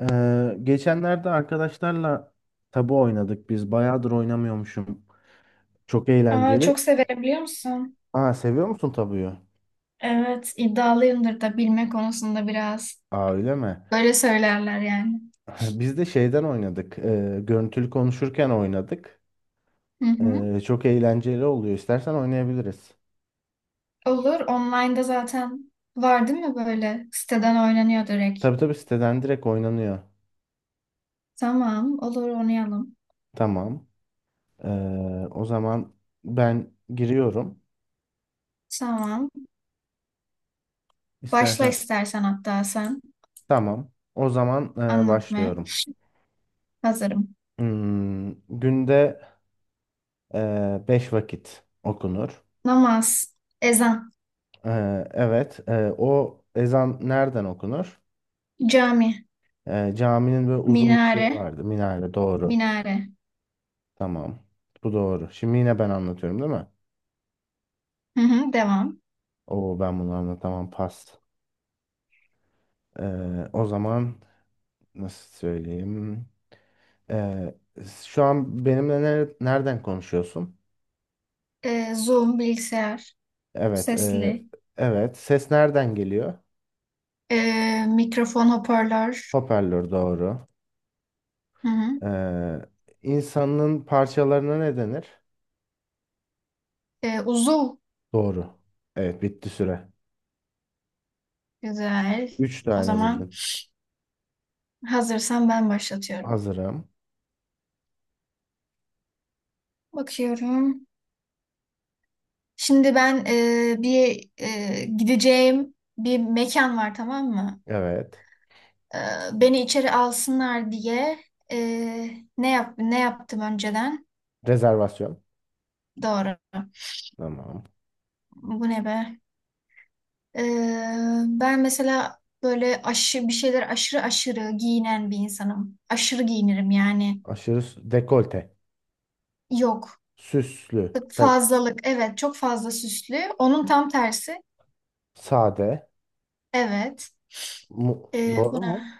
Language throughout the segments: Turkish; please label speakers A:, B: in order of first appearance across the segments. A: Geçenlerde arkadaşlarla tabu oynadık biz. Bayağıdır oynamıyormuşum. Çok
B: Aa,
A: eğlenceli.
B: çok severim biliyor musun?
A: Aa, seviyor musun tabuyu?
B: Evet, iddialıyımdır da bilme konusunda biraz.
A: Aa, öyle mi?
B: Böyle söylerler yani.
A: Biz de şeyden oynadık. Görüntülü konuşurken oynadık.
B: Hı hı.
A: Çok eğlenceli oluyor. İstersen oynayabiliriz.
B: Olur, online'da zaten var değil mi böyle? Siteden oynanıyor direkt.
A: Tabii tabii, siteden direkt oynanıyor.
B: Tamam, olur oynayalım.
A: Tamam. O zaman ben giriyorum.
B: Tamam. Başla
A: İstersen
B: istersen hatta sen
A: tamam. O zaman
B: anlatmaya.
A: başlıyorum.
B: Hazırım.
A: Hmm, Günde 5 vakit okunur.
B: Namaz, ezan,
A: Evet, o ezan nereden okunur?
B: cami,
A: Caminin böyle uzun bir şeyi
B: minare,
A: vardı, minare. Doğru.
B: minare.
A: Tamam. Bu doğru. Şimdi yine ben anlatıyorum değil mi?
B: Hı hı, devam.
A: Oo, ben bunu anlatamam. Pas. O zaman nasıl söyleyeyim? Ee, Şu an benimle nereden konuşuyorsun?
B: Zoom, bilgisayar,
A: Evet.
B: sesli,
A: Evet. Ses nereden geliyor?
B: mikrofon, hoparlör.
A: Hoparlör doğru.
B: Hı hı.
A: Ee, insanın parçalarına ne denir?
B: Uzuv.
A: Doğru. Evet, bitti süre.
B: Güzel.
A: Üç
B: O
A: tane
B: zaman
A: bildin.
B: hazırsan ben başlatıyorum.
A: Hazırım.
B: Bakıyorum. Şimdi ben bir gideceğim bir mekan var, tamam mı?
A: Evet.
B: Ee, beni içeri alsınlar diye e, ne yaptım önceden?
A: Rezervasyon.
B: Doğru.
A: Tamam.
B: Bu ne be? Ben mesela böyle aşırı aşırı giyinen bir insanım. Aşırı giyinirim yani.
A: Dekolte.
B: Yok.
A: Süslü.
B: Fazlalık, evet, çok fazla süslü. Onun tam tersi.
A: Sade.
B: Evet. Ee,
A: Doğru mu?
B: buna.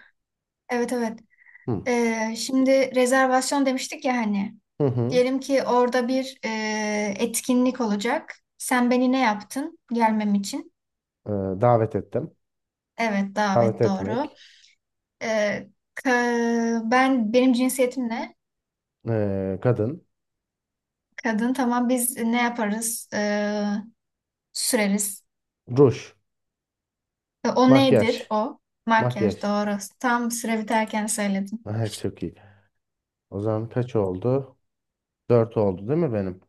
B: Evet evet.
A: Hı.
B: Şimdi rezervasyon demiştik ya hani.
A: Hı hı.
B: Diyelim ki orada bir etkinlik olacak. Sen beni ne yaptın gelmem için?
A: Ee, Davet ettim.
B: Evet,
A: Davet
B: davet doğru.
A: etmek.
B: Ee, benim cinsiyetim ne?
A: Kadın.
B: Kadın, tamam, biz ne yaparız? Süreriz.
A: Ruj.
B: O
A: Makyaj.
B: nedir o? Makyaj
A: Makyaj.
B: doğru. Tam süre biterken söyledim.
A: Evet, çok iyi. O zaman kaç oldu? Dört oldu değil mi benim?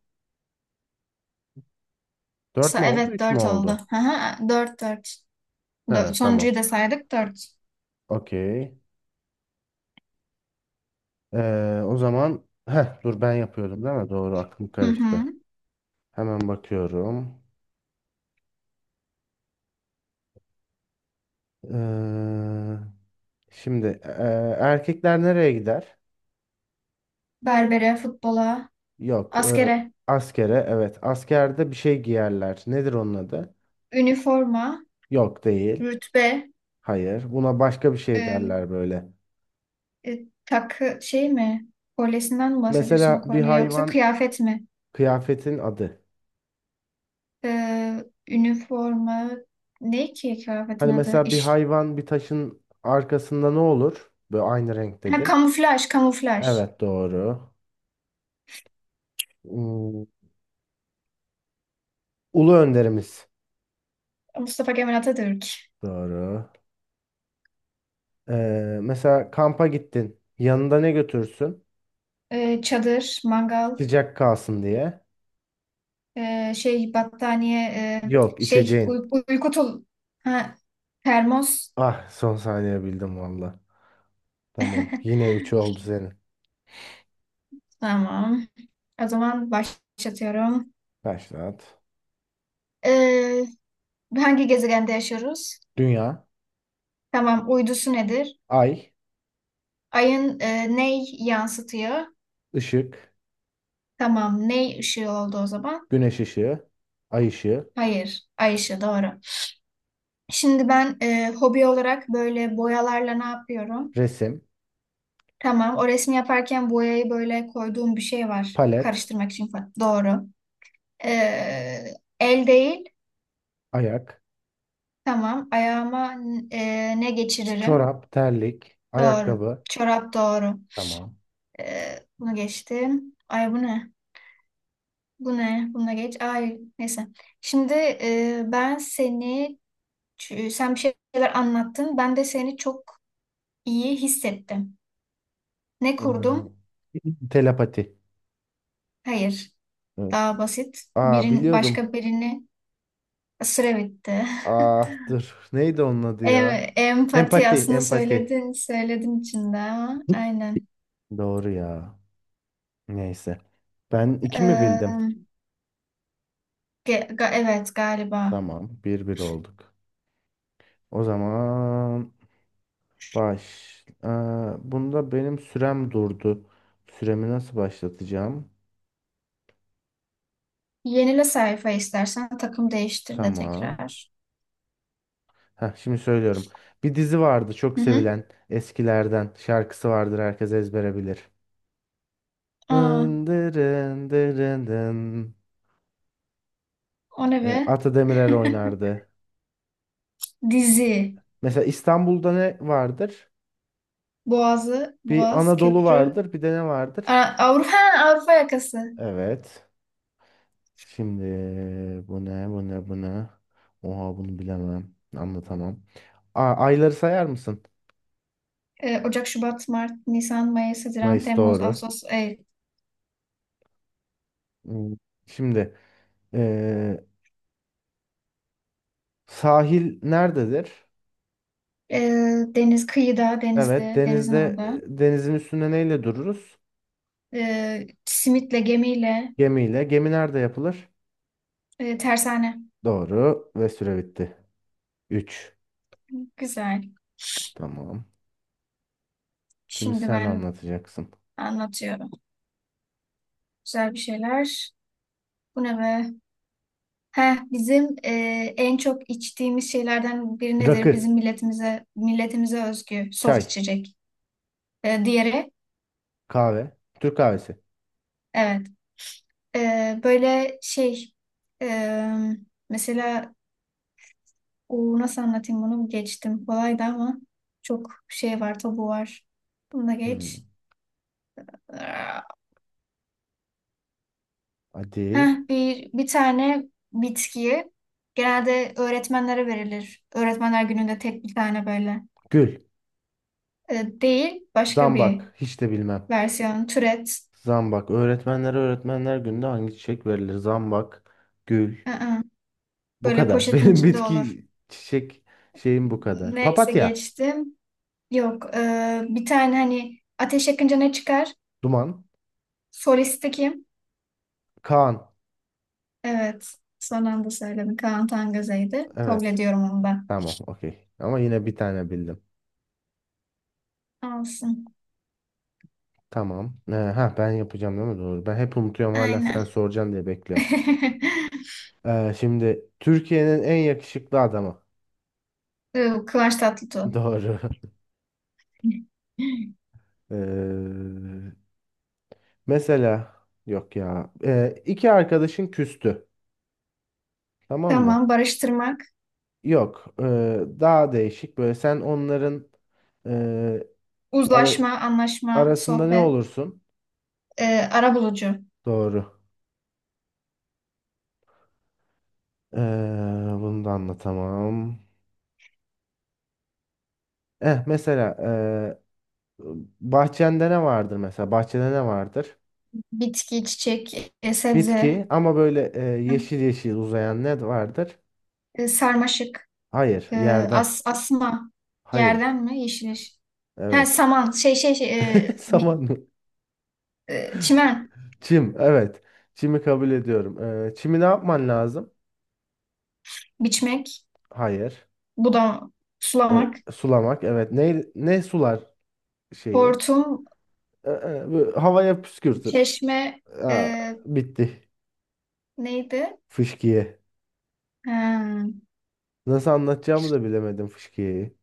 A: Dört mü oldu?
B: Evet,
A: Üç mü
B: dört oldu.
A: oldu?
B: Aha, dört dört.
A: He, tamam.
B: Sonuncuyu da saydık, dört.
A: Okey. O zaman heh, dur, ben yapıyordum değil mi? Doğru, aklım
B: Hı hı.
A: karıştı. Hemen bakıyorum. Eee, Şimdi erkekler nereye gider?
B: Berbere, futbola,
A: Yok.
B: askere,
A: Askere. Evet. Askerde bir şey giyerler. Nedir onun adı?
B: üniforma,
A: Yok, değil.
B: rütbe,
A: Hayır. Buna başka bir şey
B: e,
A: derler böyle.
B: takı şey mi? Kolyesinden mi bahsediyorsun, o
A: Mesela bir
B: kolye yoksa
A: hayvan
B: kıyafet mi?
A: kıyafetin adı.
B: E, üniforma ne ki kıyafetin
A: Hani
B: adı?
A: mesela bir
B: İş,
A: hayvan bir taşın arkasında ne olur? Böyle aynı
B: ha,
A: renktedir.
B: kamuflaj, kamuflaj.
A: Evet, doğru. Hmm, Ulu önderimiz.
B: Mustafa Kemal Atatürk.
A: Doğru. Mesela kampa gittin. Yanında ne götürsün?
B: Çadır, mangal,
A: Sıcak kalsın diye.
B: şey, battaniye,
A: Yok,
B: şey,
A: içeceğin.
B: uyku tul, ha, termos.
A: Ah, son saniye bildim valla. Tamam, yine 3 oldu senin.
B: Tamam. O zaman başlatıyorum.
A: Başlat.
B: Ee, hangi gezegende yaşıyoruz?
A: Dünya,
B: Tamam, uydusu nedir?
A: ay,
B: Ayın ney yansıtıyor?
A: ışık,
B: Tamam, ney ışığı oldu o zaman?
A: güneş ışığı, ay ışığı,
B: Hayır, ay ışığı doğru. Şimdi ben hobi olarak böyle boyalarla ne yapıyorum?
A: resim,
B: Tamam, o resmi yaparken boyayı böyle koyduğum bir şey var.
A: palet,
B: Karıştırmak için falan. Doğru. Ee, el değil.
A: ayak,
B: Tamam, ayağıma ne
A: şey,
B: geçiririm?
A: çorap, terlik,
B: Doğru.
A: ayakkabı.
B: Çorap doğru.
A: Tamam.
B: Bunu geçtim. Ay, bu ne? Bu ne? Buna geç. Ay, neyse. Şimdi sen bir şeyler anlattın. Ben de seni çok iyi hissettim. Ne
A: Hmm,
B: kurdum?
A: Telepati.
B: Hayır.
A: Evet.
B: Daha basit.
A: Aa,
B: Birin
A: biliyordum.
B: başka birini süre bitti.
A: Ah, dur. Neydi onun adı ya?
B: Empati,
A: Empati,
B: aslında
A: empati.
B: söyledin söyledin içinde, ama aynen.
A: Doğru ya. Neyse. Ben iki mi bildim?
B: Ee, ge- ga- evet, galiba.
A: Tamam. Bir bir olduk. O zaman baş. Ee, Bunda benim sürem durdu. Süremi nasıl başlatacağım?
B: Yenile sayfa istersen, takım değiştir de
A: Tamam.
B: tekrar.
A: Heh, şimdi söylüyorum. Bir dizi vardı çok
B: Hı hı.
A: sevilen eskilerden. Şarkısı vardır, herkes ezbere bilir.
B: Aa,
A: Dın dırın dırın dın.
B: o ne be?
A: Ata Demirer oynardı.
B: Dizi.
A: Mesela İstanbul'da ne vardır?
B: Boğazı,
A: Bir
B: Boğaz,
A: Anadolu
B: Köprü,
A: vardır, bir de ne vardır?
B: Avrupa, Avrupa yakası.
A: Evet. Şimdi bu ne, bu ne, bu ne? Oha, bunu bilemem. Anlatamam. Ayları sayar mısın?
B: Ocak, Şubat, Mart, Nisan, Mayıs, Haziran,
A: Mayıs
B: Temmuz,
A: doğru.
B: Ağustos, Eylül.
A: Hmm, Şimdi eee, sahil nerededir?
B: Ee, deniz kıyıda,
A: Evet,
B: denizde, denizin
A: denizde
B: orada.
A: denizin üstünde neyle dururuz?
B: Simitle, gemiyle,
A: Gemiyle. Gemi nerede yapılır?
B: tersane.
A: Doğru, ve süre bitti. 3.
B: Güzel.
A: Tamam. Şimdi
B: Şimdi
A: sen
B: ben
A: anlatacaksın.
B: anlatıyorum. Güzel bir şeyler. Bu ne be? Heh, bizim en çok içtiğimiz şeylerden biri nedir?
A: Rakı,
B: Bizim milletimize milletimize özgü soft
A: çay,
B: içecek. Diğeri,
A: kahve, Türk kahvesi.
B: evet. Böyle şey, e, mesela o, nasıl anlatayım, bunu geçtim, kolaydı ama çok şey var, tabu var. Bunu da geç.
A: Hmm, Hadi.
B: Heh, bir tane bitkiyi genelde öğretmenlere verilir. Öğretmenler gününde tek bir tane böyle.
A: Gül,
B: Değil, başka bir
A: zambak, hiç de bilmem.
B: versiyon türet.
A: Zambak. Öğretmenlere, öğretmenler gününde hangi çiçek verilir? Zambak, gül.
B: Aa,
A: Bu
B: böyle
A: kadar.
B: poşetin
A: Benim
B: içinde olur.
A: bitki çiçek şeyim bu kadar.
B: Neyse,
A: Papatya,
B: geçtim. Yok, bir tane hani ateş yakınca ne çıkar?
A: duman,
B: Solisti kim?
A: Kaan.
B: Evet. Son anda söyledim. Kaan Tangöze'ydi. Kabul
A: Evet.
B: ediyorum onu da.
A: Tamam, okey. Ama yine bir tane bildim.
B: Olsun.
A: Tamam. Ha, ben yapacağım değil mi? Doğru. Ben hep unutuyorum, hala
B: Aynen.
A: sen soracaksın diye bekliyorum. Şimdi Türkiye'nin en yakışıklı adamı.
B: Kıvanç Tatlıtuğ.
A: Doğru. Ee, mesela yok ya. İki arkadaşın küstü. Tamam mı?
B: Tamam. Barıştırmak.
A: Yok, daha değişik. Böyle sen onların e, ara-
B: Uzlaşma, anlaşma,
A: arasında ne
B: sohbet.
A: olursun?
B: E, arabulucu.
A: Doğru. E, bunu da anlatamam. Eh, mesela bahçende ne vardır mesela? Bahçede ne vardır?
B: Bitki, çiçek, sebze.
A: Bitki, ama böyle yeşil yeşil uzayan ne vardır?
B: Sarmaşık.
A: Hayır,
B: E,
A: yerden.
B: asma.
A: Hayır.
B: Yerden mi? Yeşil yeşil. Ha,
A: Evet.
B: saman. Şey şey şey. e,
A: Saman
B: bi-
A: mı?
B: e, çimen.
A: Çim. Evet. Çimi kabul ediyorum. E, çimi ne yapman lazım?
B: Biçmek.
A: Hayır.
B: Budam. Sulamak.
A: E, sulamak. Evet. Ne ne sular? Şeyi.
B: Hortum.
A: Böyle havaya püskürtür.
B: Çeşme, e,
A: Ha, bitti.
B: neydi?
A: Fışkiye.
B: Ha,
A: Nasıl anlatacağımı da bilemedim fışkiyeyi.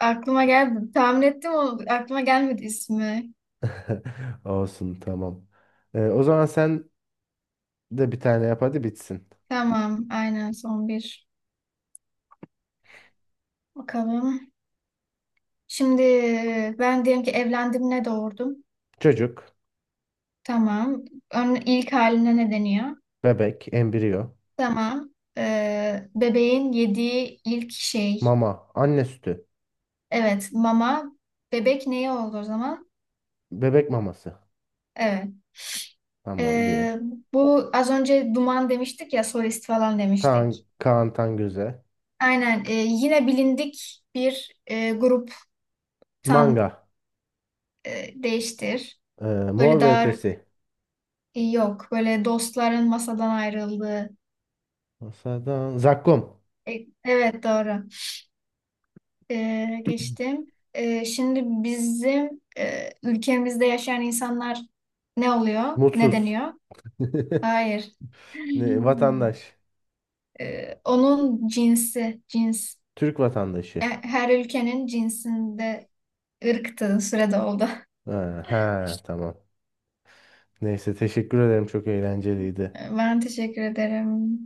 B: aklıma geldi. Tahmin ettim onu. Aklıma gelmedi ismi.
A: Olsun, tamam. E, o zaman sen de bir tane yap, hadi bitsin.
B: Tamam, aynen, son bir. Bakalım. Şimdi ben diyelim ki evlendim, ne doğurdum?
A: Çocuk,
B: Tamam. Ön, ilk haline ne deniyor?
A: bebek, embriyo,
B: Tamam. Bebeğin yediği ilk şey.
A: mama, anne sütü,
B: Evet, mama. Bebek neye oldu o zaman?
A: bebek maması.
B: Evet.
A: Tamam, bir.
B: E, bu az önce duman demiştik ya, solist falan
A: Kaan,
B: demiştik.
A: Kaan Tangöze.
B: Aynen, yine bilindik bir
A: Manga.
B: gruptan, değiştir.
A: e,
B: Böyle
A: Mor ve
B: daha
A: Ötesi.
B: yok. Böyle dostların masadan ayrıldığı.
A: Masadan. Zakkum.
B: Evet, doğru. Geçtim. Şimdi bizim ülkemizde yaşayan insanlar ne oluyor? Ne
A: Mutsuz.
B: deniyor? Hayır.
A: Ne, vatandaş.
B: Onun cinsi, cins.
A: Türk vatandaşı.
B: Her ülkenin cinsinde ırktığı sürede oldu.
A: Ha, ha, tamam. Neyse, teşekkür ederim, çok eğlenceliydi.
B: Ben teşekkür ederim.